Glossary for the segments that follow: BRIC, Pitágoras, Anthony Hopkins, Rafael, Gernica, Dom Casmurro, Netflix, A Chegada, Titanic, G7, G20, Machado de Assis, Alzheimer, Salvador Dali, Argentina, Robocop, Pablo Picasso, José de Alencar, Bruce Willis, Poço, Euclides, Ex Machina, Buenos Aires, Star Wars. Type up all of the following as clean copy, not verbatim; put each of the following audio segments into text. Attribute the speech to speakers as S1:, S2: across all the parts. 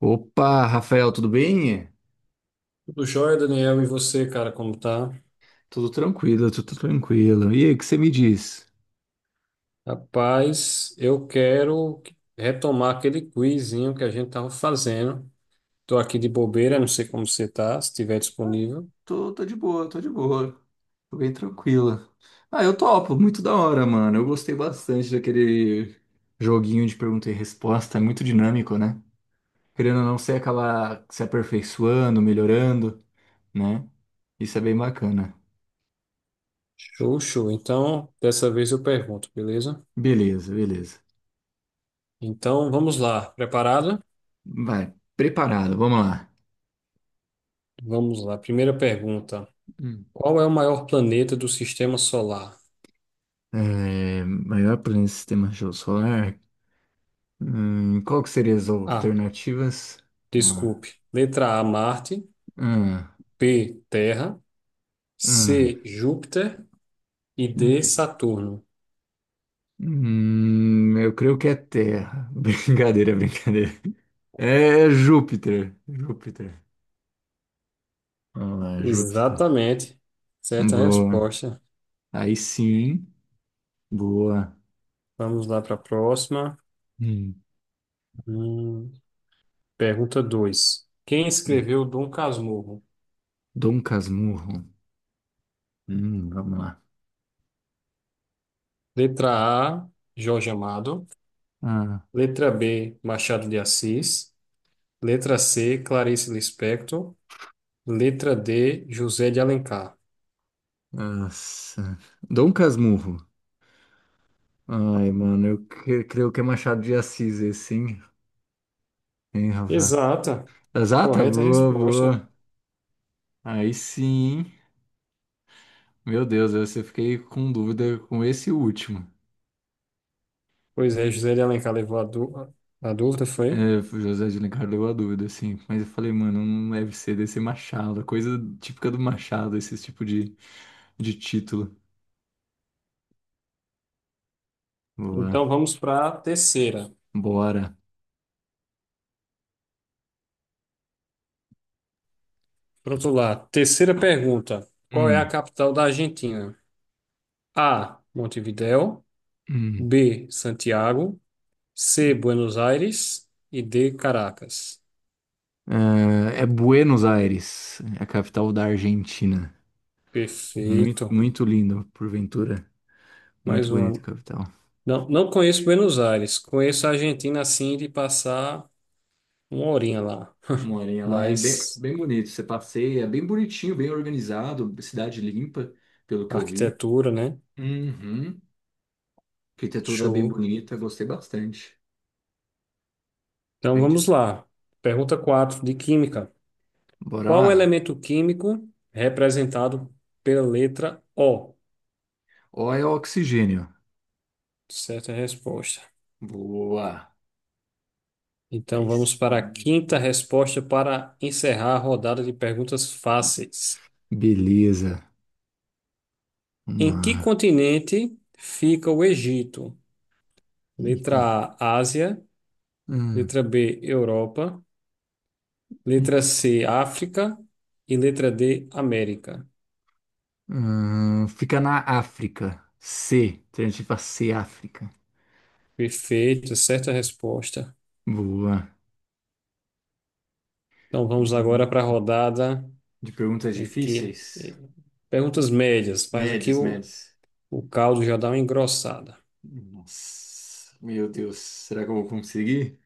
S1: Opa, Rafael, tudo bem?
S2: Tudo jóia, Daniel, e você, cara, como tá?
S1: Tudo tranquilo, tudo tranquilo. E aí, o que você me diz?
S2: Rapaz, eu quero retomar aquele quizinho que a gente tava fazendo. Tô aqui de bobeira, não sei como você tá, se estiver
S1: Ah,
S2: disponível.
S1: tô de boa, tô de boa. Tô bem tranquila. Ah, eu topo, muito da hora, mano. Eu gostei bastante daquele joguinho de pergunta e resposta, é muito dinâmico, né? Querendo ou não, você acaba se aperfeiçoando, melhorando, né? Isso é bem bacana.
S2: Show, show. Então, dessa vez eu pergunto, beleza?
S1: Beleza, beleza.
S2: Então, vamos lá. Preparado?
S1: Vai, preparado, vamos lá.
S2: Vamos lá. Primeira pergunta.
S1: Hum.
S2: Qual é o maior planeta do sistema solar?
S1: É, maior planeta do sistema solar, hum, qual que seria as
S2: A.
S1: alternativas? Ah.
S2: Desculpe. Letra A, Marte.
S1: Ah.
S2: B, Terra.
S1: Ah.
S2: C, Júpiter. E D,
S1: Hum.
S2: Saturno.
S1: Eu creio que é Terra. Brincadeira, brincadeira. É Júpiter. Júpiter. Vamos lá, Júpiter.
S2: Exatamente. Certa
S1: Boa.
S2: resposta.
S1: Aí sim. Boa.
S2: Vamos lá para a próxima.
S1: Hum,
S2: Hum, pergunta dois. Quem
S1: sim.
S2: escreveu Dom Casmurro?
S1: Dom Casmurro. Vamos lá.
S2: Letra A, Jorge Amado.
S1: Ah,
S2: Letra B, Machado de Assis. Letra C, Clarice Lispector. Letra D, José de Alencar.
S1: nossa. Dom Casmurro. Ai, mano, eu creio que é Machado de Assis esse, hein? Hein, Rafa?
S2: Exata.
S1: Exata,
S2: Correta
S1: boa,
S2: resposta.
S1: boa. Aí sim, meu Deus, eu fiquei com dúvida com esse último.
S2: Pois é, José de Alencar levou a, a dúvida,
S1: É,
S2: foi?
S1: o José de Alencar deu a dúvida, assim. Mas eu falei, mano, não deve ser desse Machado. Coisa típica do Machado, esse tipo de título. Vamos
S2: Então
S1: lá.
S2: vamos para a terceira.
S1: Bora.
S2: Pronto lá. Terceira pergunta. Qual é a
S1: Hum,
S2: capital da Argentina? A. Montevideo.
S1: hum.
S2: B. Santiago. C. Buenos Aires. E D. Caracas.
S1: É, é Buenos Aires, é a capital da Argentina. Muito,
S2: Perfeito.
S1: muito lindo, porventura. Muito
S2: Mais
S1: bonito
S2: uma.
S1: capital.
S2: Não, não conheço Buenos Aires. Conheço a Argentina assim de passar uma horinha lá.
S1: Morinha lá é bem,
S2: Mas
S1: bem bonito. Você passeia, bem bonitinho, bem organizado, cidade limpa, pelo que eu vi.
S2: arquitetura, né?
S1: Uhum. Arquitetura bem
S2: Show.
S1: bonita, gostei bastante.
S2: Então
S1: Gente,
S2: vamos lá. Pergunta 4 de química.
S1: bora
S2: Qual o
S1: lá.
S2: elemento químico representado pela letra O?
S1: O é oxigênio.
S2: Certa resposta.
S1: Boa.
S2: Então
S1: Aí,
S2: vamos para a
S1: hum,
S2: quinta resposta para encerrar a rodada de perguntas fáceis.
S1: beleza. Vamos
S2: Em que
S1: lá.
S2: continente fica o Egito?
S1: Ícone.
S2: Letra A, Ásia.
S1: Hum,
S2: Letra B, Europa. Letra C, África. E letra D, América.
S1: fica na África. C. Alternativa C, África.
S2: Perfeito, certa resposta.
S1: Boa.
S2: Então vamos agora para a
S1: Hum,
S2: rodada
S1: de perguntas
S2: em que
S1: difíceis,
S2: perguntas médias, mas aqui
S1: médias, médias.
S2: o caldo já dá uma engrossada.
S1: Nossa, meu Deus, será que eu vou conseguir?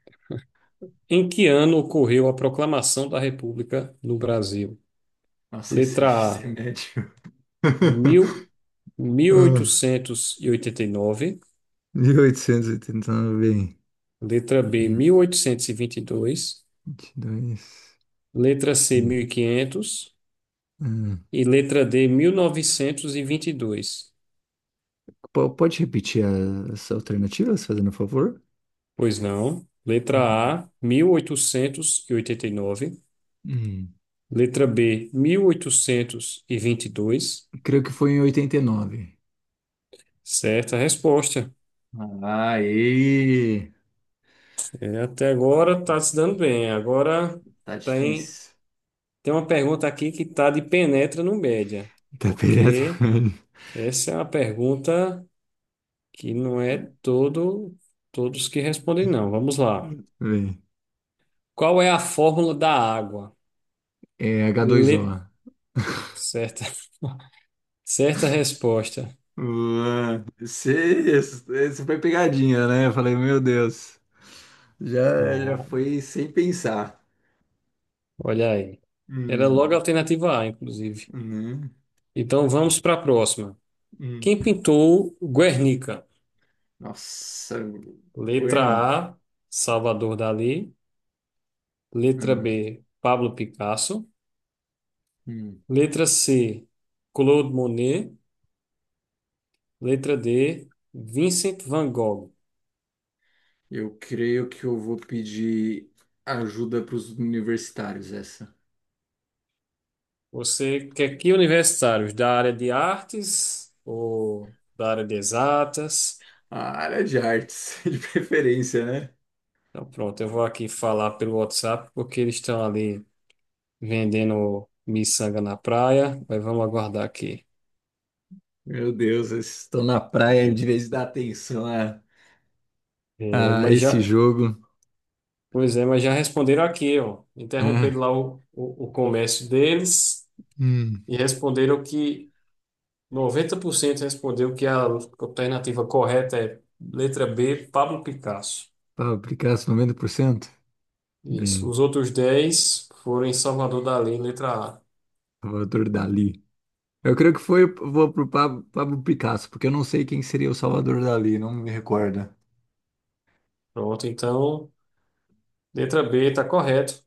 S2: Em que ano ocorreu a proclamação da República no Brasil?
S1: Nossa, esse,
S2: Letra
S1: esse
S2: A,
S1: é médio.
S2: mil- mil
S1: Ah.
S2: oitocentos e oitenta e nove.
S1: 1889,
S2: Letra B,
S1: hum.
S2: mil oitocentos e vinte e dois.
S1: 22.
S2: Letra C, 1500.
S1: Ah,
S2: E letra D, mil novecentos e vinte e dois.
S1: pode repetir as alternativas, fazendo favor?
S2: Pois não.
S1: Hum.
S2: Letra A, mil oitocentos e oitenta e nove.
S1: Hum.
S2: Letra B, mil oitocentos e vinte e dois.
S1: Creio que foi em 89.
S2: Certa resposta.
S1: Aê!
S2: É, até agora está se dando bem. Agora.
S1: Tá
S2: tem
S1: difícil.
S2: Tem uma pergunta aqui que tá de penetra no média,
S1: Tá perto,
S2: porque
S1: velho.
S2: essa é uma pergunta que não é todos que respondem não. Vamos lá. Qual é a fórmula da água?
S1: É h dois o.
S2: Le... Certa, certa resposta.
S1: Ué, você foi pegadinha, né? Eu falei, meu Deus. Já, já
S2: Ah,
S1: foi sem pensar.
S2: olha aí. Era logo a
S1: Hum,
S2: alternativa A, inclusive.
S1: né?
S2: Então vamos para a próxima.
S1: Hum.
S2: Quem pintou Guernica?
S1: Nossa,
S2: Letra
S1: Gwen.
S2: A, Salvador Dalí. Letra
S1: Ah,
S2: B, Pablo Picasso.
S1: hum.
S2: Letra C, Claude Monet. Letra D, Vincent Van Gogh.
S1: Eu creio que eu vou pedir ajuda para os universitários, essa.
S2: Você quer que universitários da área de artes ou da área de exatas?
S1: A área de artes, de preferência, né?
S2: Então, pronto, eu vou aqui falar pelo WhatsApp porque eles estão ali vendendo miçanga na praia, mas vamos aguardar aqui.
S1: Meu Deus, eles estão na praia de vez de dar atenção
S2: É,
S1: a
S2: mas
S1: esse
S2: já,
S1: jogo,
S2: pois é, mas já responderam aqui, ó.
S1: né?
S2: Interromperam lá o comércio deles
S1: Hum.
S2: e responderam que 90% respondeu que a alternativa correta é letra B, Pablo Picasso.
S1: Para aplicar 90%?
S2: Isso.
S1: Bem,
S2: Os outros 10 foram em Salvador Dali, letra A.
S1: Salvador Dali. Eu creio que foi, vou pro Pablo, Pablo Picasso, porque eu não sei quem seria o Salvador Dali, não me recorda.
S2: Pronto, então, letra B está correto.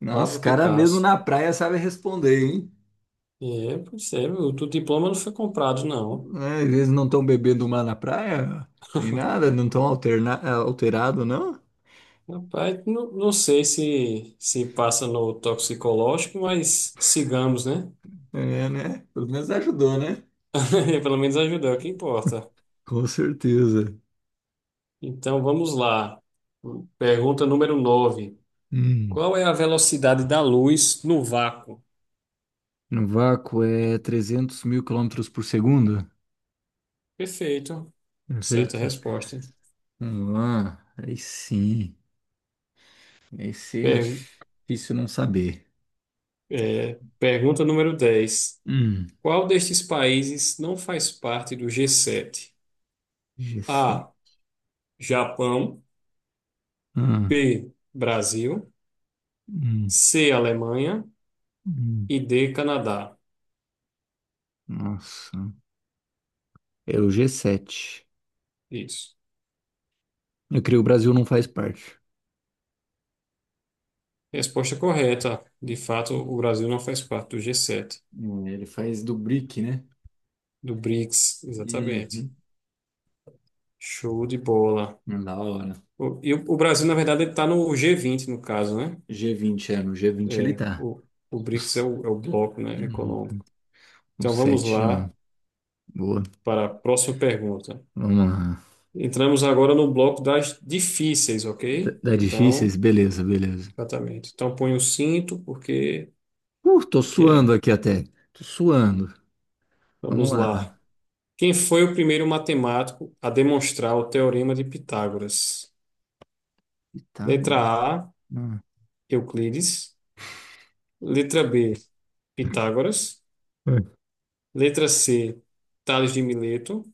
S1: Nossa,
S2: Pablo
S1: cara mesmo
S2: Picasso.
S1: na praia sabe responder, hein?
S2: É, pois é, o teu diploma não foi comprado, não.
S1: Né? Às vezes não estão bebendo mar na praia, nem nada, não estão alterado, não?
S2: Rapaz, não, não sei se passa no toxicológico, mas sigamos, né?
S1: É, né? Pelo menos ajudou, né?
S2: Pelo menos ajudou, o que importa.
S1: Com certeza.
S2: Então, vamos lá. Pergunta número 9.
S1: Hum.
S2: Qual é a velocidade da luz no vácuo?
S1: No vácuo é 300 mil quilômetros por segundo?
S2: Perfeito. Certa
S1: Perfeito.
S2: resposta.
S1: Vamos lá. Aí sim. Esse é
S2: Per-
S1: difícil não saber.
S2: é, pergunta número 10.
S1: Hum.
S2: Qual destes países não faz parte do G7?
S1: G7.
S2: A. Japão.
S1: Ah.
S2: B. Brasil.
S1: Hum.
S2: C. Alemanha.
S1: Hum.
S2: E D. Canadá.
S1: Nossa. É o G7.
S2: Isso.
S1: Eu creio que o Brasil não faz parte.
S2: Resposta correta. De fato, o Brasil não faz parte do G7,
S1: Ele faz do BRIC, né?
S2: do BRICS, exatamente.
S1: Uhum.
S2: Show de bola.
S1: Da hora.
S2: E o Brasil, na verdade, está no G20, no caso, né?
S1: G20, é, no G20 ele
S2: É,
S1: tá.
S2: o, o
S1: O,
S2: BRICS é
S1: s-
S2: é o bloco, né,
S1: hum,
S2: econômico.
S1: o
S2: Então vamos
S1: 7 já
S2: lá
S1: não. Boa.
S2: para a próxima pergunta.
S1: Vamos lá.
S2: Entramos agora no bloco das difíceis,
S1: Tá
S2: ok?
S1: tá difíceis?
S2: Então,
S1: Beleza, beleza.
S2: exatamente. Então põe o cinto, porque
S1: Tô
S2: aqui
S1: suando
S2: é.
S1: aqui até. Tô suando.
S2: Vamos
S1: Vamos
S2: lá.
S1: lá.
S2: Quem foi o primeiro matemático a demonstrar o teorema de Pitágoras? Letra
S1: Pitágoras.
S2: A,
S1: Não.
S2: Euclides. Letra B, Pitágoras. Letra C, Tales de Mileto.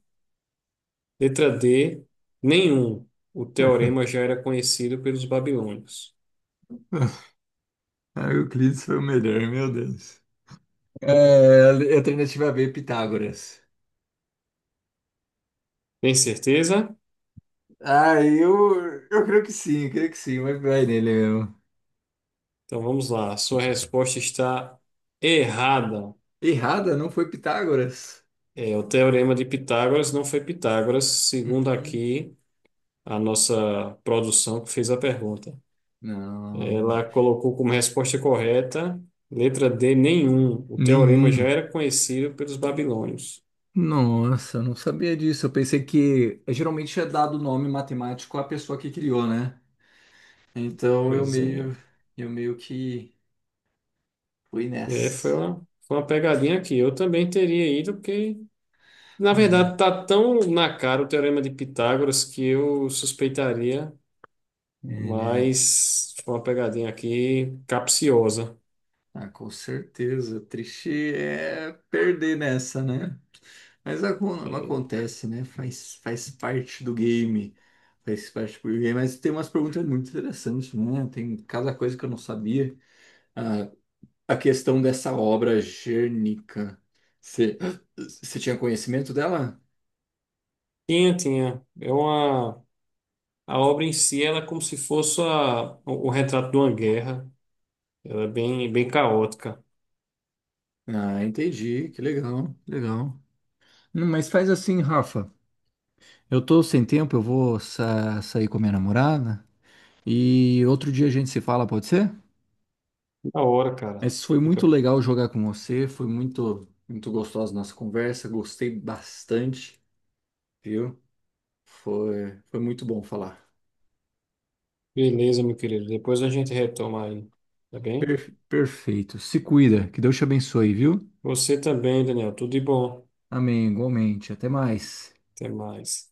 S2: Letra D, nenhum. O teorema já era conhecido pelos babilônios.
S1: Ah, Euclides foi o melhor, meu Deus. É, alternativa B, Pitágoras.
S2: Tem certeza?
S1: Ah, eu creio que sim, eu creio que sim, mas vai nele mesmo.
S2: Então vamos lá. A sua resposta está errada.
S1: Errada, não foi Pitágoras?
S2: É, o teorema de Pitágoras não foi Pitágoras, segundo
S1: Uhum.
S2: aqui a nossa produção que fez a pergunta. Ela
S1: Não,
S2: colocou como resposta correta, letra D, nenhum. O teorema já
S1: nenhum.
S2: era conhecido pelos babilônios.
S1: Nossa, não sabia disso. Eu pensei que é, geralmente é dado o nome matemático à pessoa que criou, né? Então
S2: Pois é.
S1: eu meio que fui nessa.
S2: É, foi uma pegadinha aqui. Eu também teria ido, porque na verdade,
S1: Hum,
S2: tá tão na cara o Teorema de Pitágoras que eu suspeitaria,
S1: é, né?
S2: mas foi uma pegadinha aqui capciosa.
S1: Ah, com certeza. Triste é perder nessa, né? Mas acon-
S2: É,
S1: acontece, né? Faz parte do game. Faz parte do game. Mas tem umas perguntas muito interessantes, né? Tem cada coisa que eu não sabia. Ah, a questão dessa obra Gernica. Você você tinha conhecimento dela?
S2: tinha, tinha. É uma... A obra em si, ela é como se fosse o retrato de uma guerra. Ela é bem, bem caótica.
S1: Ah, entendi. Que legal, legal. Mas faz assim, Rafa. Eu tô sem tempo, eu vou sair com a minha namorada. E outro dia a gente se fala, pode ser?
S2: Da hora, cara.
S1: Mas foi
S2: Fica...
S1: muito legal jogar com você, foi muito, muito gostosa a nossa conversa, gostei bastante, viu? Foi, foi muito bom falar.
S2: Beleza, meu querido. Depois a gente retoma aí, tá bem?
S1: Perfeito. Se cuida, que Deus te abençoe, viu?
S2: Você também, Daniel. Tudo de bom.
S1: Amém, igualmente. Até mais.
S2: Até mais.